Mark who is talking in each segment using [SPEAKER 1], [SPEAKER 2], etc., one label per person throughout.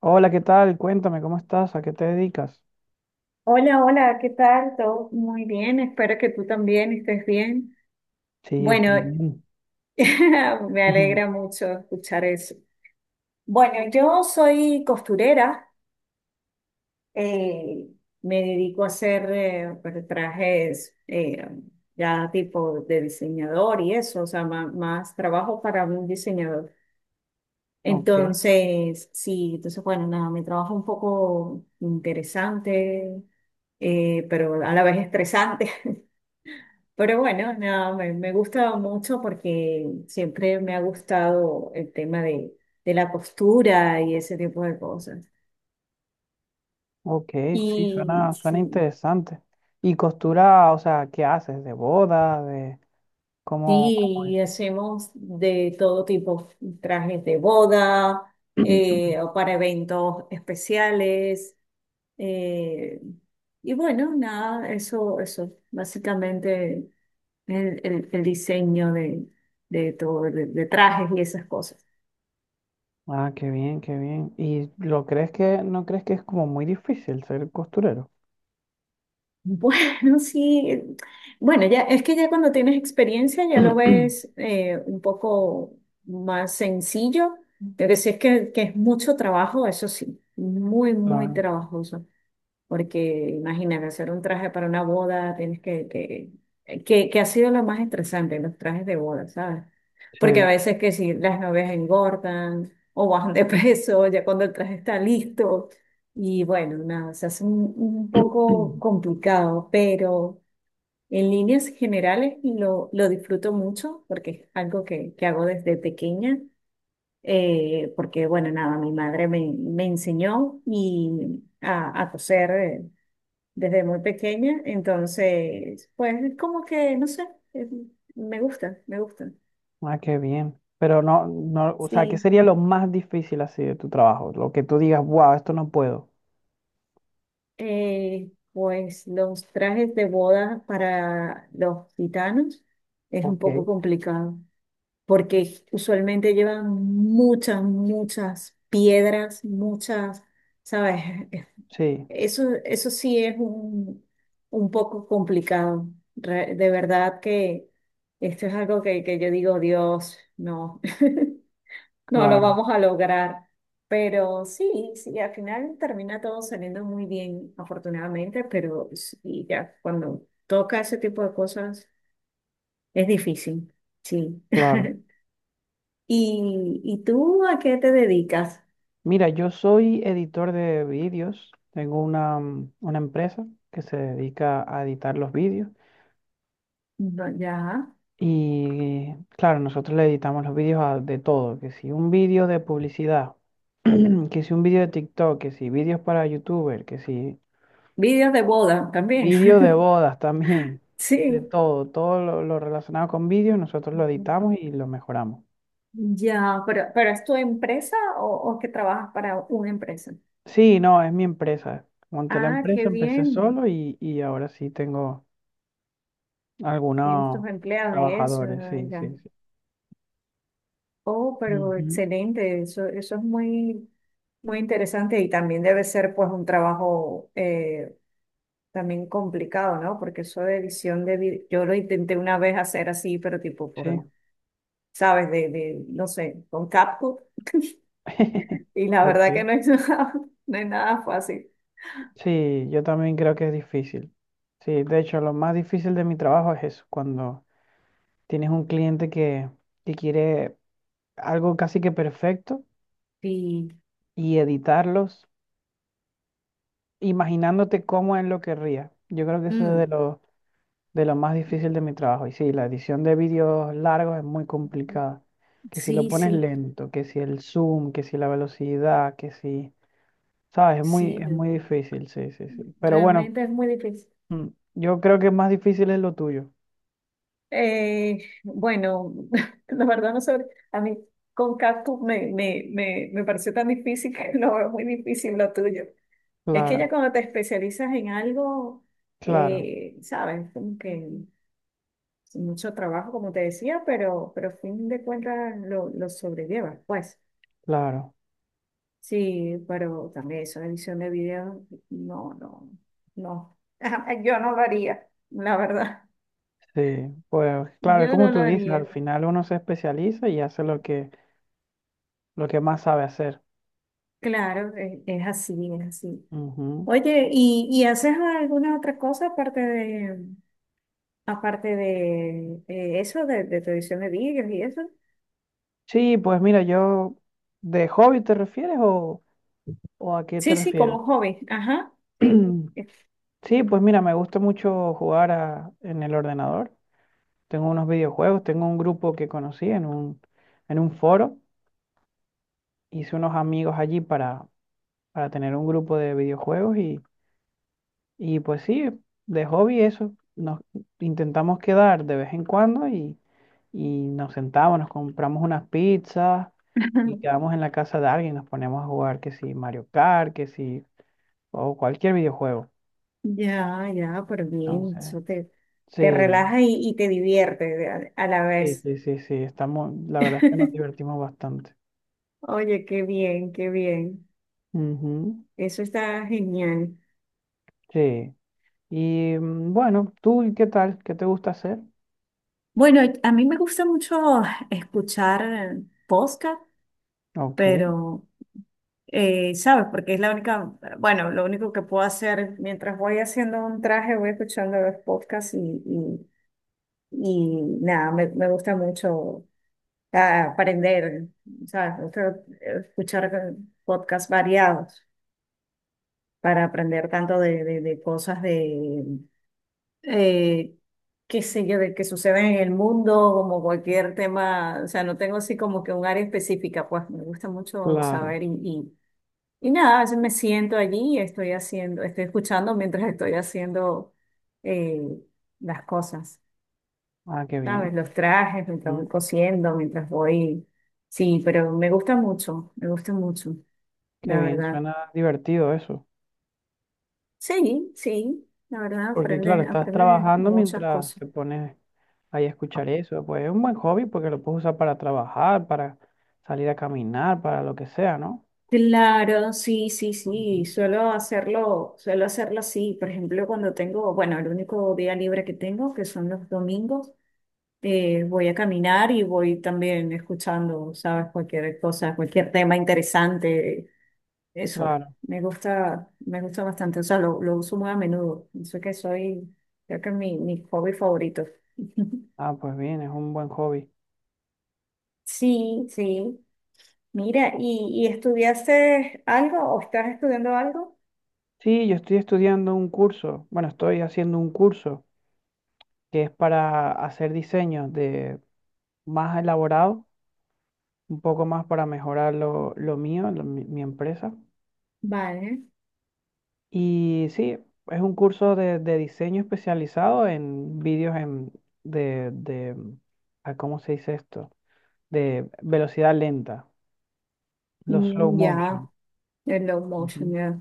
[SPEAKER 1] Hola, ¿qué tal? Cuéntame, ¿cómo estás? ¿A qué te dedicas?
[SPEAKER 2] Hola, hola, ¿qué tal? Todo muy bien, espero que tú también estés bien.
[SPEAKER 1] Sí, estoy
[SPEAKER 2] Bueno,
[SPEAKER 1] bien.
[SPEAKER 2] me alegra mucho escuchar eso. Bueno, yo soy costurera, eh, me dedico a hacer pues, trajes ya tipo de diseñador y eso, o sea, más, trabajo para un diseñador.
[SPEAKER 1] Ok,
[SPEAKER 2] Entonces, sí, entonces, bueno, nada, mi trabajo es un poco interesante, pero a la vez estresante. Pero bueno, nada, me gusta mucho porque siempre me ha gustado el tema de la costura y ese tipo de cosas.
[SPEAKER 1] ok, sí,
[SPEAKER 2] Y
[SPEAKER 1] suena
[SPEAKER 2] sí,
[SPEAKER 1] interesante. ¿Y costura, o sea, qué haces? ¿De boda? ¿De cómo es?
[SPEAKER 2] sí, hacemos de todo tipo, trajes de boda, o para eventos especiales. eh, y bueno, nada, eso, básicamente el diseño de todo, de trajes y esas cosas.
[SPEAKER 1] Ah, qué bien, qué bien. ¿Y lo crees que, no crees que es como muy difícil ser costurero?
[SPEAKER 2] Bueno, sí. Bueno, ya es que ya cuando tienes experiencia ya lo ves un poco más sencillo. Lo que sí es que es mucho trabajo, eso sí, muy, muy
[SPEAKER 1] Claro,
[SPEAKER 2] trabajoso porque imagínate, hacer un traje para una boda, que ha sido lo más estresante, los trajes de boda, ¿sabes? Porque a
[SPEAKER 1] sí.
[SPEAKER 2] veces que si las novias engordan o bajan de peso, ya cuando el traje está listo, y bueno, nada, se hace un poco complicado, pero en líneas generales lo disfruto mucho porque es algo que hago desde pequeña. Porque bueno, nada, Mi madre me enseñó y a coser, desde muy pequeña, entonces, pues es como que, no sé, me gusta, me gusta.
[SPEAKER 1] Ah, qué bien. Pero no, no, o sea, ¿qué
[SPEAKER 2] Sí,
[SPEAKER 1] sería lo más difícil así de tu trabajo? Lo que tú digas, wow, esto no puedo.
[SPEAKER 2] pues los trajes de boda para los gitanos es un
[SPEAKER 1] Ok,
[SPEAKER 2] poco complicado, porque usualmente llevan muchas, muchas piedras, muchas, ¿sabes?
[SPEAKER 1] sí,
[SPEAKER 2] Eso sí es un poco complicado. De verdad que esto es algo que yo digo, Dios, no. No lo
[SPEAKER 1] claro,
[SPEAKER 2] vamos a lograr, pero sí, sí, al final termina todo saliendo muy bien, afortunadamente, pero sí, ya cuando toca ese tipo de cosas es difícil, sí.
[SPEAKER 1] claro.
[SPEAKER 2] ¿Y, y tú a qué te dedicas?
[SPEAKER 1] Mira, yo soy editor de vídeos. Tengo una, una empresa que se dedica a editar los vídeos.
[SPEAKER 2] No, ya,
[SPEAKER 1] Y claro, nosotros le editamos los vídeos a- de todo. Que si un vídeo de publicidad, que si un vídeo de TikTok, que si vídeos para YouTuber, que si
[SPEAKER 2] vídeos de boda también,
[SPEAKER 1] vídeo de bodas también. De
[SPEAKER 2] sí.
[SPEAKER 1] todo, todo lo relacionado con vídeos, nosotros lo editamos y lo mejoramos.
[SPEAKER 2] Ya, pero ¿es tu empresa o que trabajas para una empresa?
[SPEAKER 1] Sí, no, es mi empresa. Monté la
[SPEAKER 2] Ah, qué
[SPEAKER 1] empresa, empecé
[SPEAKER 2] bien,
[SPEAKER 1] solo y ahora sí tengo...
[SPEAKER 2] tienes tus
[SPEAKER 1] Algunos
[SPEAKER 2] empleados y eso,
[SPEAKER 1] trabajadores, sí, sí,
[SPEAKER 2] ya.
[SPEAKER 1] sí.
[SPEAKER 2] Oh, pero
[SPEAKER 1] Ujú.
[SPEAKER 2] excelente, eso es muy, muy interesante y también debe ser pues un trabajo también complicado, ¿no? Porque eso de edición de video, yo lo intenté una vez hacer así, pero tipo por,
[SPEAKER 1] Sí.
[SPEAKER 2] ¿sabes? De, no sé, con CapCut y la verdad
[SPEAKER 1] Ok.
[SPEAKER 2] que no es nada, no es nada fácil.
[SPEAKER 1] Sí, yo también creo que es difícil. Sí, de hecho, lo más difícil de mi trabajo es eso, cuando tienes un cliente que quiere algo casi que perfecto
[SPEAKER 2] Sí,
[SPEAKER 1] y editarlos, imaginándote cómo él lo querría. Yo creo que eso es
[SPEAKER 2] mm,
[SPEAKER 1] de lo más difícil de mi trabajo. Y sí, la edición de vídeos largos es muy complicada. Que si lo
[SPEAKER 2] sí,
[SPEAKER 1] pones
[SPEAKER 2] sí,
[SPEAKER 1] lento, que si el zoom, que si la velocidad, que si... ¿Sabes?
[SPEAKER 2] sí,
[SPEAKER 1] Es muy difícil, sí, sí, sí. Pero bueno,
[SPEAKER 2] realmente es muy difícil.
[SPEAKER 1] mm, yo creo que más difícil es lo tuyo.
[SPEAKER 2] Bueno, la verdad no sé, a mí con cactus me pareció tan difícil que lo veo muy difícil lo tuyo. Es que ya
[SPEAKER 1] Claro,
[SPEAKER 2] cuando te especializas en algo,
[SPEAKER 1] claro,
[SPEAKER 2] sabes, como que es mucho trabajo, como te decía, pero a fin de cuentas lo sobrellevas, pues.
[SPEAKER 1] claro.
[SPEAKER 2] Sí, pero también eso, edición de video, no, no, no. Yo no lo haría, la verdad.
[SPEAKER 1] Sí, pues claro, es
[SPEAKER 2] Yo
[SPEAKER 1] como
[SPEAKER 2] no lo
[SPEAKER 1] tú dices, al
[SPEAKER 2] haría.
[SPEAKER 1] final uno se especializa y hace lo que más sabe hacer.
[SPEAKER 2] Claro, es así, es así.
[SPEAKER 1] Ujú.
[SPEAKER 2] Oye, y haces alguna otra cosa aparte de eso, de tu edición de vídeos y eso?
[SPEAKER 1] Sí, pues mira, yo, ¿de hobby te refieres o a qué te
[SPEAKER 2] Sí, sí,
[SPEAKER 1] refieres?
[SPEAKER 2] como hobby. Ajá, sí.
[SPEAKER 1] Sí, pues mira, me gusta mucho jugar a- en el ordenador. Tengo unos videojuegos, tengo un grupo que conocí en un foro, hice unos amigos allí para tener un grupo de videojuegos y pues sí, de hobby eso, nos intentamos quedar de vez en cuando y nos sentamos, nos compramos unas pizzas y quedamos en la casa de alguien, nos ponemos a jugar que si Mario Kart, que si, o cualquier videojuego.
[SPEAKER 2] Ya, ya, pero bien,
[SPEAKER 1] Entonces,
[SPEAKER 2] te
[SPEAKER 1] sí,
[SPEAKER 2] relaja y te divierte a la
[SPEAKER 1] sí,
[SPEAKER 2] vez.
[SPEAKER 1] sí, sí, sí, estamos, la verdad es que nos divertimos bastante.
[SPEAKER 2] Oye, qué bien, qué bien.
[SPEAKER 1] Ujú,
[SPEAKER 2] Eso está genial.
[SPEAKER 1] sí. Y bueno, ¿tú qué tal? ¿Qué te gusta hacer?
[SPEAKER 2] Bueno, a mí me gusta mucho escuchar podcast,
[SPEAKER 1] Ok,
[SPEAKER 2] pero… ¿sabes? Porque es la única, bueno, lo único que puedo hacer mientras voy haciendo un traje, voy escuchando los podcasts y nada, me gusta mucho aprender, ¿sabes? Me gusta escuchar podcasts variados para aprender tanto de cosas de, eh, qué sé yo, de que suceden en el mundo, como cualquier tema, o sea, no tengo así como que un área específica, pues me gusta mucho
[SPEAKER 1] claro.
[SPEAKER 2] saber y nada, yo me siento allí y estoy haciendo, estoy escuchando mientras estoy haciendo eh, las cosas,
[SPEAKER 1] Ah, qué
[SPEAKER 2] ¿sabes?
[SPEAKER 1] bien.
[SPEAKER 2] Los trajes, mientras voy cosiendo, mientras voy… Sí, pero me gusta mucho,
[SPEAKER 1] Qué
[SPEAKER 2] la
[SPEAKER 1] bien,
[SPEAKER 2] verdad.
[SPEAKER 1] suena divertido eso.
[SPEAKER 2] Sí, sí, la verdad,
[SPEAKER 1] Porque claro,
[SPEAKER 2] aprende,
[SPEAKER 1] estás
[SPEAKER 2] aprende
[SPEAKER 1] trabajando
[SPEAKER 2] muchas
[SPEAKER 1] mientras
[SPEAKER 2] cosas.
[SPEAKER 1] te pones ahí a escuchar eso. Pues es un buen hobby porque lo puedes usar para trabajar, para salir a caminar, para lo que sea, ¿no?
[SPEAKER 2] Claro, sí, sí,
[SPEAKER 1] Ujú.
[SPEAKER 2] sí, suelo hacerlo así, por ejemplo, cuando tengo, bueno, el único día libre que tengo, que son los domingos, voy a caminar y voy también escuchando, ¿sabes? Cualquier cosa, cualquier tema interesante, eso.
[SPEAKER 1] Claro.
[SPEAKER 2] Me gusta bastante, o sea, lo uso muy a menudo. Eso que soy, creo que es mi, mi hobby favorito.
[SPEAKER 1] Ah, pues bien, es un buen hobby.
[SPEAKER 2] Sí, sí. Mira, y estudiaste algo o estás estudiando algo?
[SPEAKER 1] Sí, yo estoy estudiando un curso, bueno, estoy haciendo un curso que es para hacer diseños de más elaborados, un poco más para mejorar lo mío, lo- mi empresa.
[SPEAKER 2] Vale.
[SPEAKER 1] Y sí, es un curso de diseño especializado en vídeos en, de, ah, ¿cómo se dice esto? De velocidad lenta, los slow
[SPEAKER 2] Mm,
[SPEAKER 1] motion.
[SPEAKER 2] ya, el low motion,
[SPEAKER 1] Ujú.
[SPEAKER 2] ya.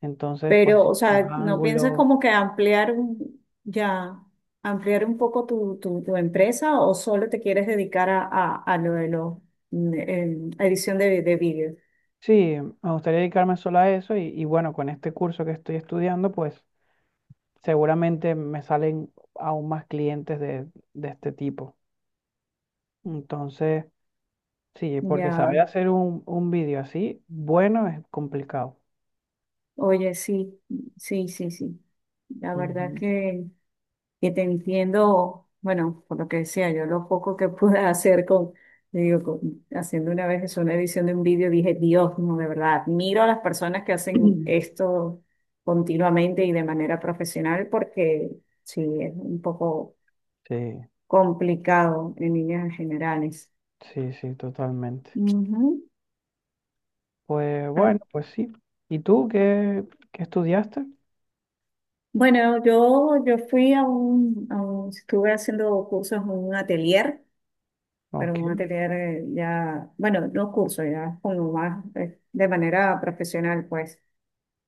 [SPEAKER 1] Entonces, pues
[SPEAKER 2] Pero,
[SPEAKER 1] sí,
[SPEAKER 2] o
[SPEAKER 1] los
[SPEAKER 2] sea, ¿no piensas
[SPEAKER 1] ángulos.
[SPEAKER 2] como que ampliar un, ya, ampliar un poco tu, tu, tu empresa o solo te quieres dedicar a lo de lo, edición de vídeo?
[SPEAKER 1] Sí, me gustaría dedicarme solo a eso y bueno, con este curso que estoy estudiando, pues seguramente me salen aún más clientes de este tipo. Entonces, sí, porque
[SPEAKER 2] Ya,
[SPEAKER 1] saber hacer un vídeo así, bueno, es complicado.
[SPEAKER 2] oye, sí, sí, sí, sí. La verdad
[SPEAKER 1] Ujú.
[SPEAKER 2] que te entiendo, bueno, por lo que decía, yo lo poco que pude hacer con, le digo, haciendo una vez eso, una edición de un vídeo, dije, Dios, no, de verdad, admiro a las personas que hacen esto continuamente y de manera profesional porque sí, es un poco
[SPEAKER 1] Sí,
[SPEAKER 2] complicado en líneas generales.
[SPEAKER 1] sí, sí, totalmente.
[SPEAKER 2] Ujú.
[SPEAKER 1] Pues
[SPEAKER 2] Ah,
[SPEAKER 1] bueno, pues sí. ¿Y tú qué, qué estudiaste?
[SPEAKER 2] bueno, yo fui a un, estuve haciendo cursos en un atelier pero
[SPEAKER 1] Ok,
[SPEAKER 2] vamos a tener ya, bueno, no cursos, ya como más de manera profesional, pues,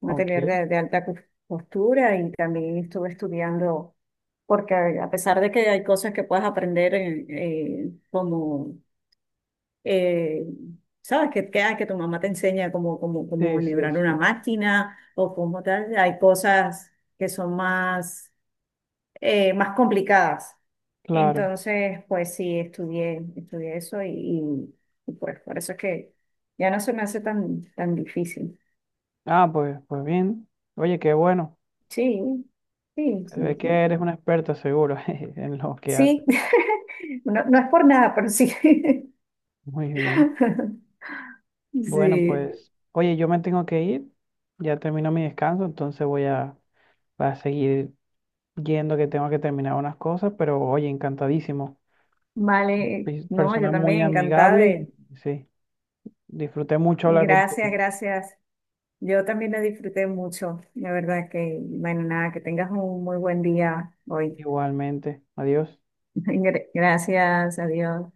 [SPEAKER 2] un atelier
[SPEAKER 1] ok.
[SPEAKER 2] de alta costura y también estuve estudiando, porque a pesar de que hay cosas que puedes aprender como, eh, sabes, que, que tu mamá te enseña cómo, cómo, cómo
[SPEAKER 1] Sí, sí,
[SPEAKER 2] enhebrar una
[SPEAKER 1] sí.
[SPEAKER 2] máquina o cómo tal, hay cosas que son más, más complicadas
[SPEAKER 1] Claro.
[SPEAKER 2] entonces, pues sí, estudié, estudié eso y, y, pues por eso es que ya no se me hace tan, tan difícil.
[SPEAKER 1] Ah, pues, pues bien. Oye, qué bueno.
[SPEAKER 2] Sí, sí,
[SPEAKER 1] Se ve
[SPEAKER 2] sí,
[SPEAKER 1] que
[SPEAKER 2] sí.
[SPEAKER 1] eres una experta seguro jeje, en lo que
[SPEAKER 2] Sí,
[SPEAKER 1] haces.
[SPEAKER 2] no, no es por nada, pero sí.
[SPEAKER 1] Muy bien. Bueno,
[SPEAKER 2] Sí,
[SPEAKER 1] pues, oye, yo me tengo que ir. Ya terminó mi descanso, entonces voy a, voy a seguir yendo que tengo que terminar unas cosas, pero oye, encantadísimo.
[SPEAKER 2] vale.
[SPEAKER 1] Pe-
[SPEAKER 2] No, yo
[SPEAKER 1] Persona
[SPEAKER 2] también
[SPEAKER 1] muy
[SPEAKER 2] encantada
[SPEAKER 1] amigable y
[SPEAKER 2] de…
[SPEAKER 1] sí. Disfruté mucho hablar contigo.
[SPEAKER 2] Gracias, gracias. Yo también la disfruté mucho. La verdad que, bueno, nada, que tengas un muy buen día hoy.
[SPEAKER 1] Igualmente. Adiós.
[SPEAKER 2] Gracias, adiós.